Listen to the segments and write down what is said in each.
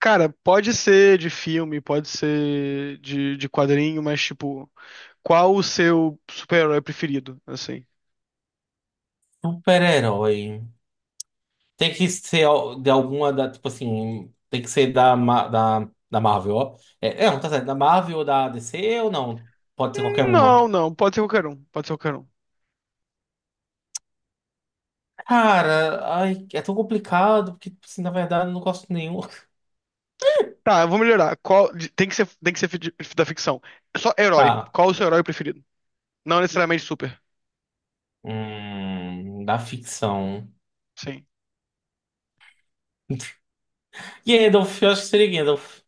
Cara, pode ser de filme, pode ser de quadrinho, mas tipo, qual o seu super-herói preferido, assim? Super-herói. Tem que ser de alguma tipo assim, tem que ser da Marvel, ó. É, não, tá certo. Da Marvel ou da DC ou não? Pode ser qualquer Não, uma. não, pode ser qualquer um, pode ser qualquer um. Cara, ai, é tão complicado, porque, tipo assim, na verdade, eu não gosto de nenhum. Tá, eu vou melhorar. Qual, tem que ser da ficção. É só herói. Tá. Qual o seu herói preferido? Não necessariamente super. Da ficção. Sim. Gandalf, eu acho que seria Gandalf.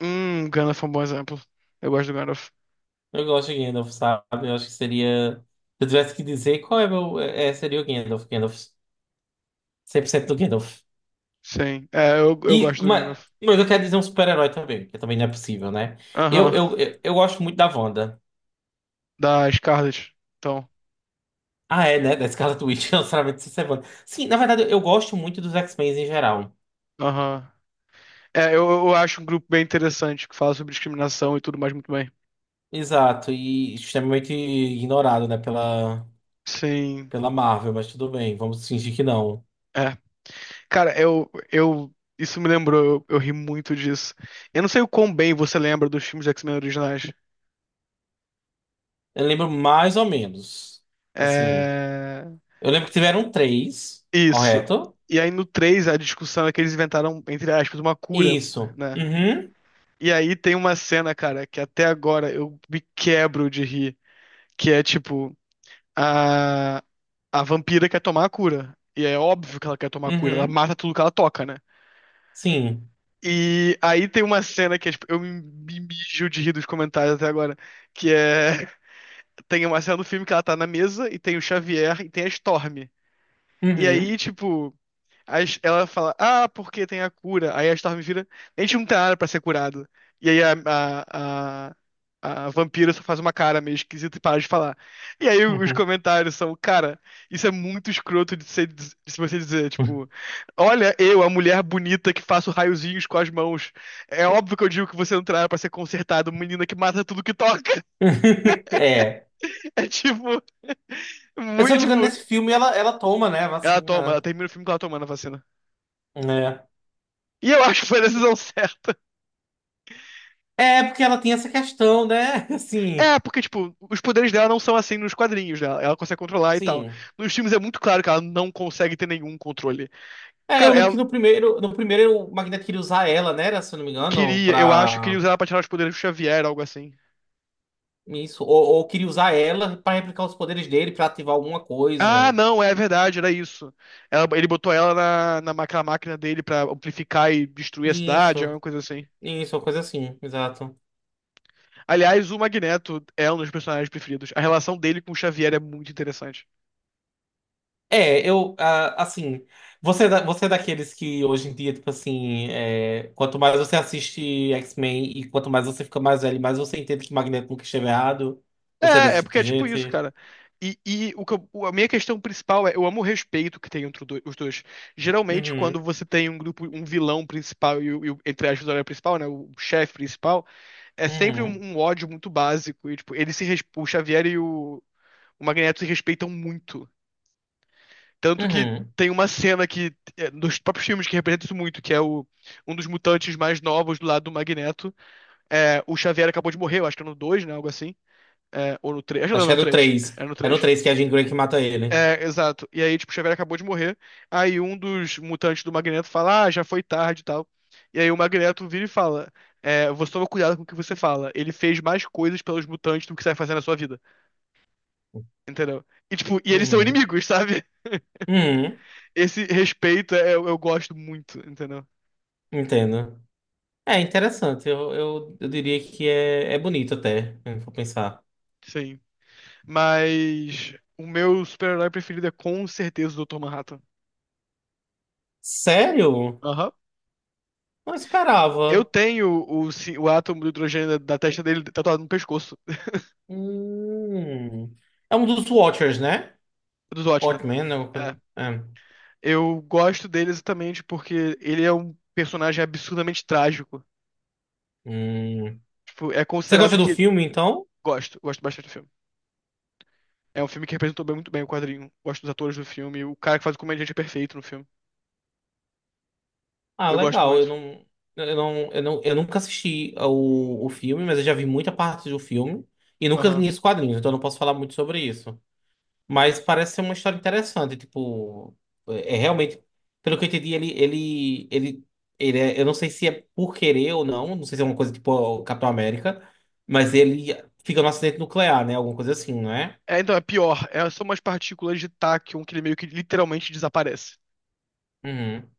Gandalf é um bom exemplo. Eu gosto do Gandalf. Eu gosto de Gandalf, sabe? Eu acho que seria. Se eu tivesse que dizer qual é meu. É, seria o Gandalf. Gandalf. 100% do Gandalf. Sim. Eu E, gosto do mas, Gandalf. mas eu quero dizer um super-herói também, que também não é possível, né? Eu, Aham. eu, eu, eu gosto muito da Wanda. Da Scarlet. Então, Ah, é, né? Da Scarlet Witch, não necessariamente se Wanda. Sim, na verdade, eu gosto muito dos X-Men em geral. aham. É, eu acho um grupo bem interessante que fala sobre discriminação e tudo mais muito bem. Exato, e extremamente ignorado, né, pela, Sim. pela Marvel, mas tudo bem, vamos fingir que não. É. Cara, eu, eu. isso me lembrou, eu ri muito disso. Eu não sei o quão bem você lembra dos filmes de X-Men originais. Eu lembro mais ou menos. Assim, É. eu lembro que tiveram três, Isso. correto? E aí no 3 a discussão é que eles inventaram, entre aspas, uma cura, Isso. né? Uhum, E aí tem uma cena, cara, que até agora eu me quebro de rir, que é tipo, a, a vampira quer tomar a cura. E é óbvio que ela quer tomar a cura, ela uhum, mata tudo que ela toca, né? sim. E aí tem uma cena que é, tipo, eu me mijo de rir dos comentários até agora, que é tem uma cena do filme que ela tá na mesa e tem o Xavier e tem a Storm. E Uhum, aí, tipo, ela fala, ah, porque tem a cura. Aí a Storm vira, a gente não tem nada pra ser curado. E aí a vampira só faz uma cara meio esquisita e para de falar. E aí os uhum. comentários são, cara, isso é muito escroto de, ser, de se você dizer, tipo, olha eu, a mulher bonita que faço raiozinhos com as mãos. É óbvio que eu digo que você não tem nada pra ser consertado, menina que mata tudo que toca. É. É tipo, Eu, se eu muito, não me engano, tipo, nesse filme ela toma, né, a ela toma, ela vacina. termina o filme com ela tomando a vacina. Né? E eu acho que foi a decisão certa. É, porque ela tem essa questão, né? Assim, É, porque, tipo, os poderes dela não são assim nos quadrinhos dela. Ela consegue controlar e tal. sim. Nos filmes é muito claro que ela não consegue ter nenhum controle. É, eu Cara, lembro que ela no primeiro o Magneto queria usar ela, né? Era, se eu não me engano, queria, eu acho, queria pra. usar ela pra tirar os poderes do Xavier, algo assim. Isso. Ou queria usar ela pra replicar os poderes dele, pra ativar alguma Ah, coisa. não, é verdade, era isso. Ele botou ela na máquina, máquina dele pra amplificar e destruir a cidade, Isso. alguma coisa assim. Isso, uma coisa assim, exato. Aliás, o Magneto é um dos personagens preferidos. A relação dele com o Xavier é muito interessante. É, eu, assim, você, você é daqueles que hoje em dia, tipo assim, é, quanto mais você assiste X-Men e quanto mais você fica mais velho, mais você entende que o Magneto nunca esteve errado. Você é É, desse é tipo porque de é tipo isso, gente? cara. E o que a minha questão principal é, eu amo o respeito que tem entre os dois. Geralmente, quando Uhum, você tem um grupo, um vilão principal e, entre aspas, o herói principal, né, o chefe principal, é sempre um, uhum, um ódio muito básico. E, tipo, eles se, o Xavier e o Magneto se respeitam muito. Tanto que uhum. tem uma cena que, é, nos próprios filmes que representa isso muito, que é o, um dos mutantes mais novos do lado do Magneto. É, o Xavier acabou de morrer, eu acho que é no 2, né, algo assim. É, ou no 3. Acho que não, Acho que é no no 3. 3. É no É no 3. 3 que é a Jean Grey que mata ele. É, exato. E aí, tipo, o Xavier acabou de morrer. Aí um dos mutantes do Magneto fala, ah, já foi tarde e tal. E aí o Magneto vira e fala, é, você toma cuidado com o que você fala. Ele fez mais coisas pelos mutantes do que você vai fazer na sua vida. Entendeu? E, tipo, e eles são Uhum, inimigos, sabe? uhum, Esse respeito é, eu gosto muito, entendeu? entendo. É interessante, eu diria que é bonito até, se for pensar. Sim. Mas o meu super-herói preferido é com certeza o Dr. Manhattan. Sério? Aham. Não Eu esperava. tenho o, o átomo do hidrogênio da testa dele tatuado no pescoço, Hum. É um dos Watchers, né? dos Watchmen. Watchmen, né? Alguma coisa. É. É. Eu gosto dele exatamente porque ele é um personagem absurdamente trágico. Hum. Tipo, é Você gosta considerado do que. filme, então? Gosto, gosto bastante do filme. É um filme que representou muito bem o quadrinho. Gosto dos atores do filme. O cara que faz o comediante é perfeito no filme. Ah, Eu gosto legal. Eu muito. não, eu não, eu não, eu nunca assisti o filme, mas eu já vi muita parte do filme e nunca li Aham. os quadrinhos, então eu não posso falar muito sobre isso. Mas parece ser uma história interessante, tipo, é realmente, pelo que eu entendi, ele é, eu não sei se é por querer ou não, não sei se é uma coisa tipo o Capitão América, mas ele fica num acidente nuclear, né? Alguma coisa assim, não é? É, então, é pior. É, são umas partículas de Tachyon que ele meio que literalmente desaparece. Uhum,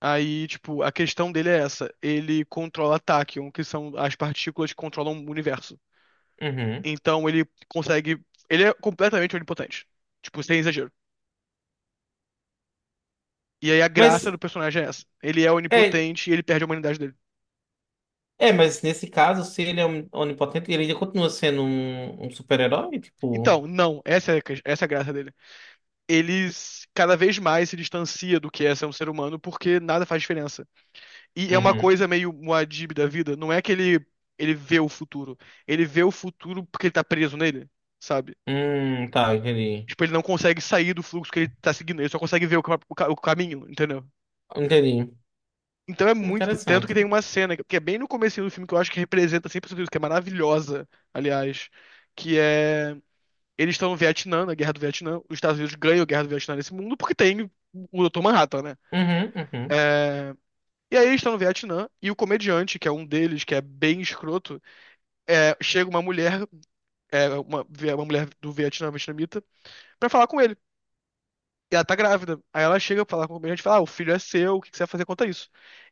Aí, tipo, a questão dele é essa. Ele controla Tachyon, que são as partículas que controlam o universo. uhum. Então ele consegue. Ele é completamente onipotente. Tipo, sem exagero. E aí a graça Mas, do personagem é essa. Ele é é, onipotente e ele perde a humanidade dele. mas nesse caso, se ele é onipotente, ele ainda continua sendo um super-herói, tipo, Então, não, essa é, a essa é a graça dele. Cada vez mais se distancia do que é ser um ser humano porque nada faz diferença. E é uma uhum. coisa meio Muad'Dib da vida. Não é que ele vê o futuro. Ele vê o futuro porque ele tá preso nele, sabe? Tá, entendi. Tipo, ele não consegue sair do fluxo que ele tá seguindo. Ele só consegue ver o, o caminho, entendeu? Entendi. Então é muito. Tanto que Interessante. tem uma cena, que é bem no comecinho do filme, que eu acho que representa 100% isso, que é maravilhosa, aliás, que é eles estão no Vietnã, na Guerra do Vietnã. Os Estados Unidos ganham a Guerra do Vietnã nesse mundo porque tem o Dr. Manhattan, né? Uhum, uhum. É, e aí eles estão no Vietnã e o comediante, que é um deles, que é bem escroto, é, chega uma mulher, é, uma mulher do Vietnã, vietnamita, pra falar com ele. E ela tá grávida. Aí ela chega pra falar com o comediante e fala: ah, o filho é seu, o que que você vai fazer contra isso?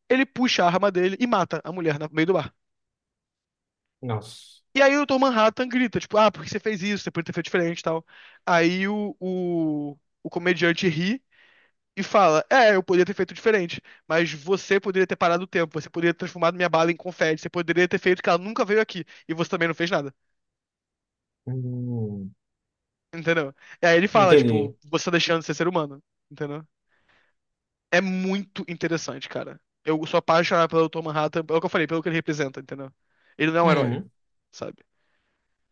Ele puxa a arma dele e mata a mulher no meio do bar. Nossa. E aí o Dr. Manhattan grita, tipo, ah, por que você fez isso? Você podia ter feito diferente e tal. Aí o comediante ri e fala: é, eu poderia ter feito diferente, mas você poderia ter parado o tempo, você poderia ter transformado minha bala em confete, você poderia ter feito que ela nunca veio aqui, e você também não fez nada, Hum, entendeu? E aí ele fala: tipo, entendi. você tá deixando de ser ser humano, entendeu? É muito interessante, cara. Eu sou apaixonado pelo Dr. Manhattan, pelo que eu falei, pelo que ele representa, entendeu? Ele não é um herói, Uhum. sabe?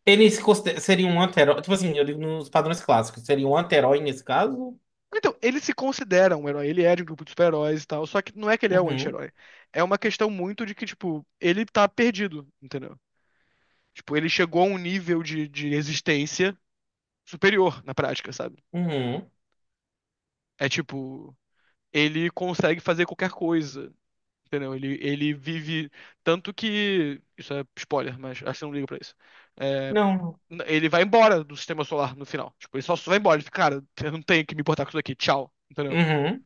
Ele se considera- Seria um anti-herói. Tipo assim, eu digo nos padrões clássicos. Seria um anti-herói nesse caso? Então, ele se considera um herói, ele é de um grupo de super-heróis e tal, só que não é que ele é um Uhum. anti-herói. É uma questão muito de que, tipo, ele tá perdido, entendeu? Tipo, ele chegou a um nível de existência superior na prática, sabe? Uhum. É tipo, ele consegue fazer qualquer coisa, entendeu? Ele vive. Tanto que. Isso é spoiler, mas acho que eu não ligo pra isso. É, Não. Ele vai embora do sistema solar no final. Tipo, ele só vai embora. Ele fica, cara, eu não tenho que me importar com isso aqui, tchau, entendeu? Uhum.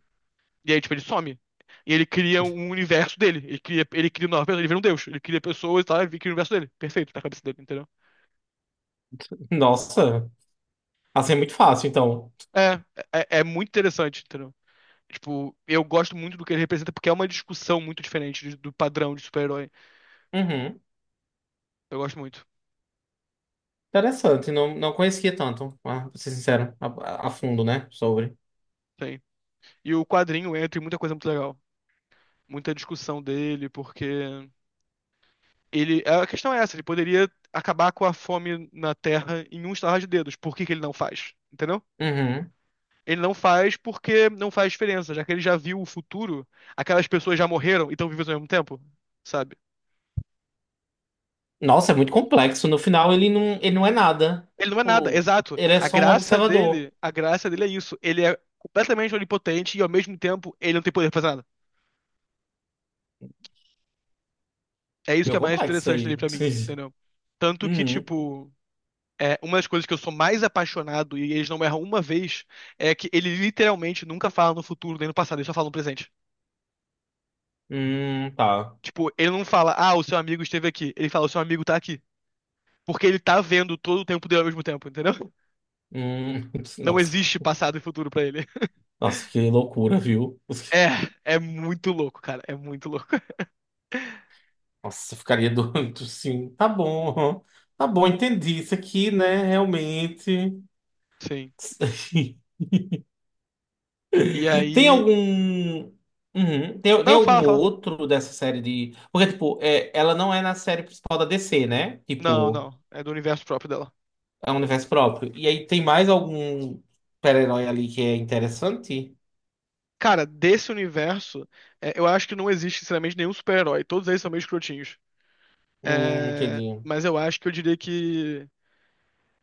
E aí, tipo, ele some. E ele cria um universo dele. Ele cria nova pessoa, ele vira um deus. Ele cria pessoas e tal, ele cria o universo dele. Perfeito, tá na cabeça dele, entendeu? Nossa. Assim é muito fácil, então. É, é muito interessante, entendeu? Tipo, eu gosto muito do que ele representa, porque é uma discussão muito diferente do padrão de super-herói. Uhum. Eu gosto muito, Interessante. Não, não conhecia tanto, ah, pra ser sincero, a fundo, né? Sobre. sim. E o quadrinho entra em muita coisa muito legal. Muita discussão dele, porque ele. A questão é essa, ele poderia acabar com a fome na Terra em um estalar de dedos. Por que que ele não faz? Entendeu? Uhum. Ele não faz porque não faz diferença, já que ele já viu o futuro, aquelas pessoas já morreram e estão vivas ao mesmo tempo, sabe? Nossa, é muito complexo. No final, ele não é nada. Ele não é nada, Tipo, exato. ele é só um observador. A graça dele é isso. Ele é completamente onipotente e ao mesmo tempo ele não tem poder pra fazer nada. É isso que Meu é mais complexo isso interessante dele aí. pra mim, entendeu? Tanto que, Uhum. tipo, é, uma das coisas que eu sou mais apaixonado e eles não erram uma vez é que ele literalmente nunca fala no futuro nem no passado, ele só fala no presente. Tá. Tipo, ele não fala, ah, o seu amigo esteve aqui. Ele fala, o seu amigo tá aqui. Porque ele tá vendo todo o tempo dele ao mesmo tempo, entendeu? Hum. Não Nossa. existe passado e futuro pra ele. Nossa, que loucura, viu? É, é muito louco, cara. É muito louco. Nossa, eu ficaria doido, sim. Tá bom, entendi isso aqui, né? Realmente. Sim. E Tem aí. algum. Uhum. Tem Não, fala, algum fala. outro dessa série de. Porque, tipo, é, ela não é na série principal da DC, né? Não, Tipo, não. É do universo próprio dela. é um universo próprio. E aí tem mais algum super-herói ali que é interessante? Cara, desse universo, é, eu acho que não existe, sinceramente, nenhum super-herói. Todos eles são meio escrotinhos. É, Entendi. mas eu acho que eu diria que.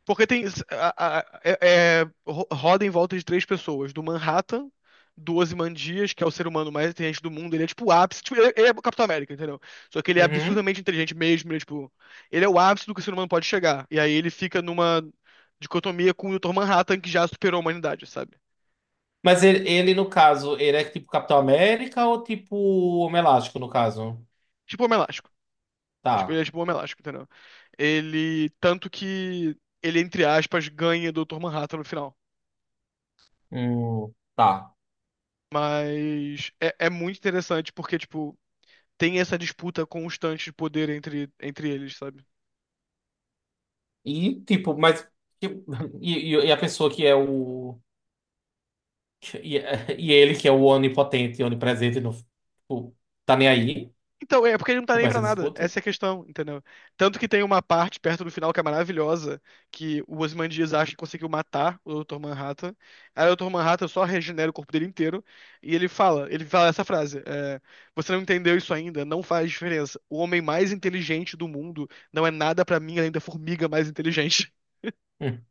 Porque tem. a- a- é- roda em volta de três pessoas: do Manhattan, do Ozymandias, que é o ser humano mais inteligente do mundo. Ele é tipo o ápice. Tipo, ele, ele é o Capitão América, entendeu? Só que ele é Uhum. absurdamente inteligente mesmo. Ele é, tipo, ele é o ápice do que o ser humano pode chegar. E aí ele fica numa dicotomia com o Dr. Manhattan, que já superou a humanidade, sabe? Mas ele, no caso, ele é tipo Capitão América ou tipo Homem Elástico, no caso? Tipo o Homem Elástico. É, tipo, ele Tá. é tipo o Homem Elástico, entendeu? Ele. Tanto que ele, entre aspas, ganha do Dr. Manhattan no final. Hum, tá. Mas é, é muito interessante porque, tipo, tem essa disputa constante de poder entre eles, sabe? E, tipo, mas. Tipo, e a pessoa que é o. E, e ele, que é o onipotente, onipresente, não, tipo, tá nem aí Então, é porque ele não tá nem pra pra essa nada. disputa. Essa é a questão, entendeu? Tanto que tem uma parte perto do final que é maravilhosa, que o Ozymandias acha que conseguiu matar o Dr. Manhattan. Aí o Dr. Manhattan só regenera o corpo dele inteiro. E ele fala essa frase: é, você não entendeu isso ainda, não faz diferença. O homem mais inteligente do mundo não é nada pra mim além da formiga mais inteligente. Hum,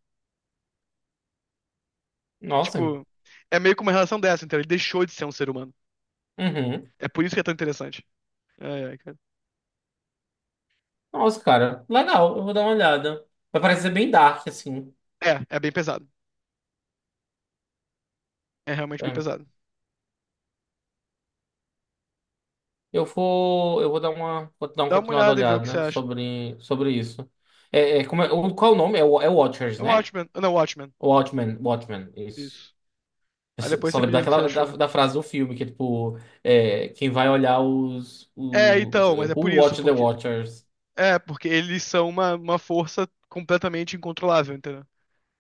Nossa. Tipo, é meio que uma relação dessa, entendeu? Ele deixou de ser um ser humano. Uhum. É por isso que é tão interessante. Ai, ai, cara. Nossa, cara. Legal, eu vou dar uma olhada. Vai parecer bem dark, assim. É, é bem pesado. É realmente bem É. pesado. Eu vou. Eu vou dar uma. Vou dar uma Dá uma continuada olhada e vê o olhada que você né, acha. sobre isso. Como qual é o nome? É, é Watchers, É né? Watchmen. Ah, não, Watchmen. Watchmen. Watchmen, isso. Isso. Aí depois Só você me lembro diz o que você daquela da, achou. da frase do filme, que é tipo, é, quem vai olhar os, É, os. então, eh, mas é por Who isso, watch the porque. Watchers? É, porque eles são uma força completamente incontrolável, entendeu?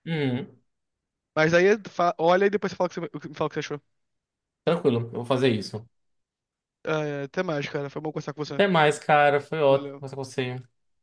Uhum, Mas aí olha e depois você fala o que você, me fala o que você achou. tranquilo, eu vou fazer isso. Ah, é, até mais, cara. Foi bom conversar com você. Até mais, cara. Foi ótimo Valeu. conversar com você.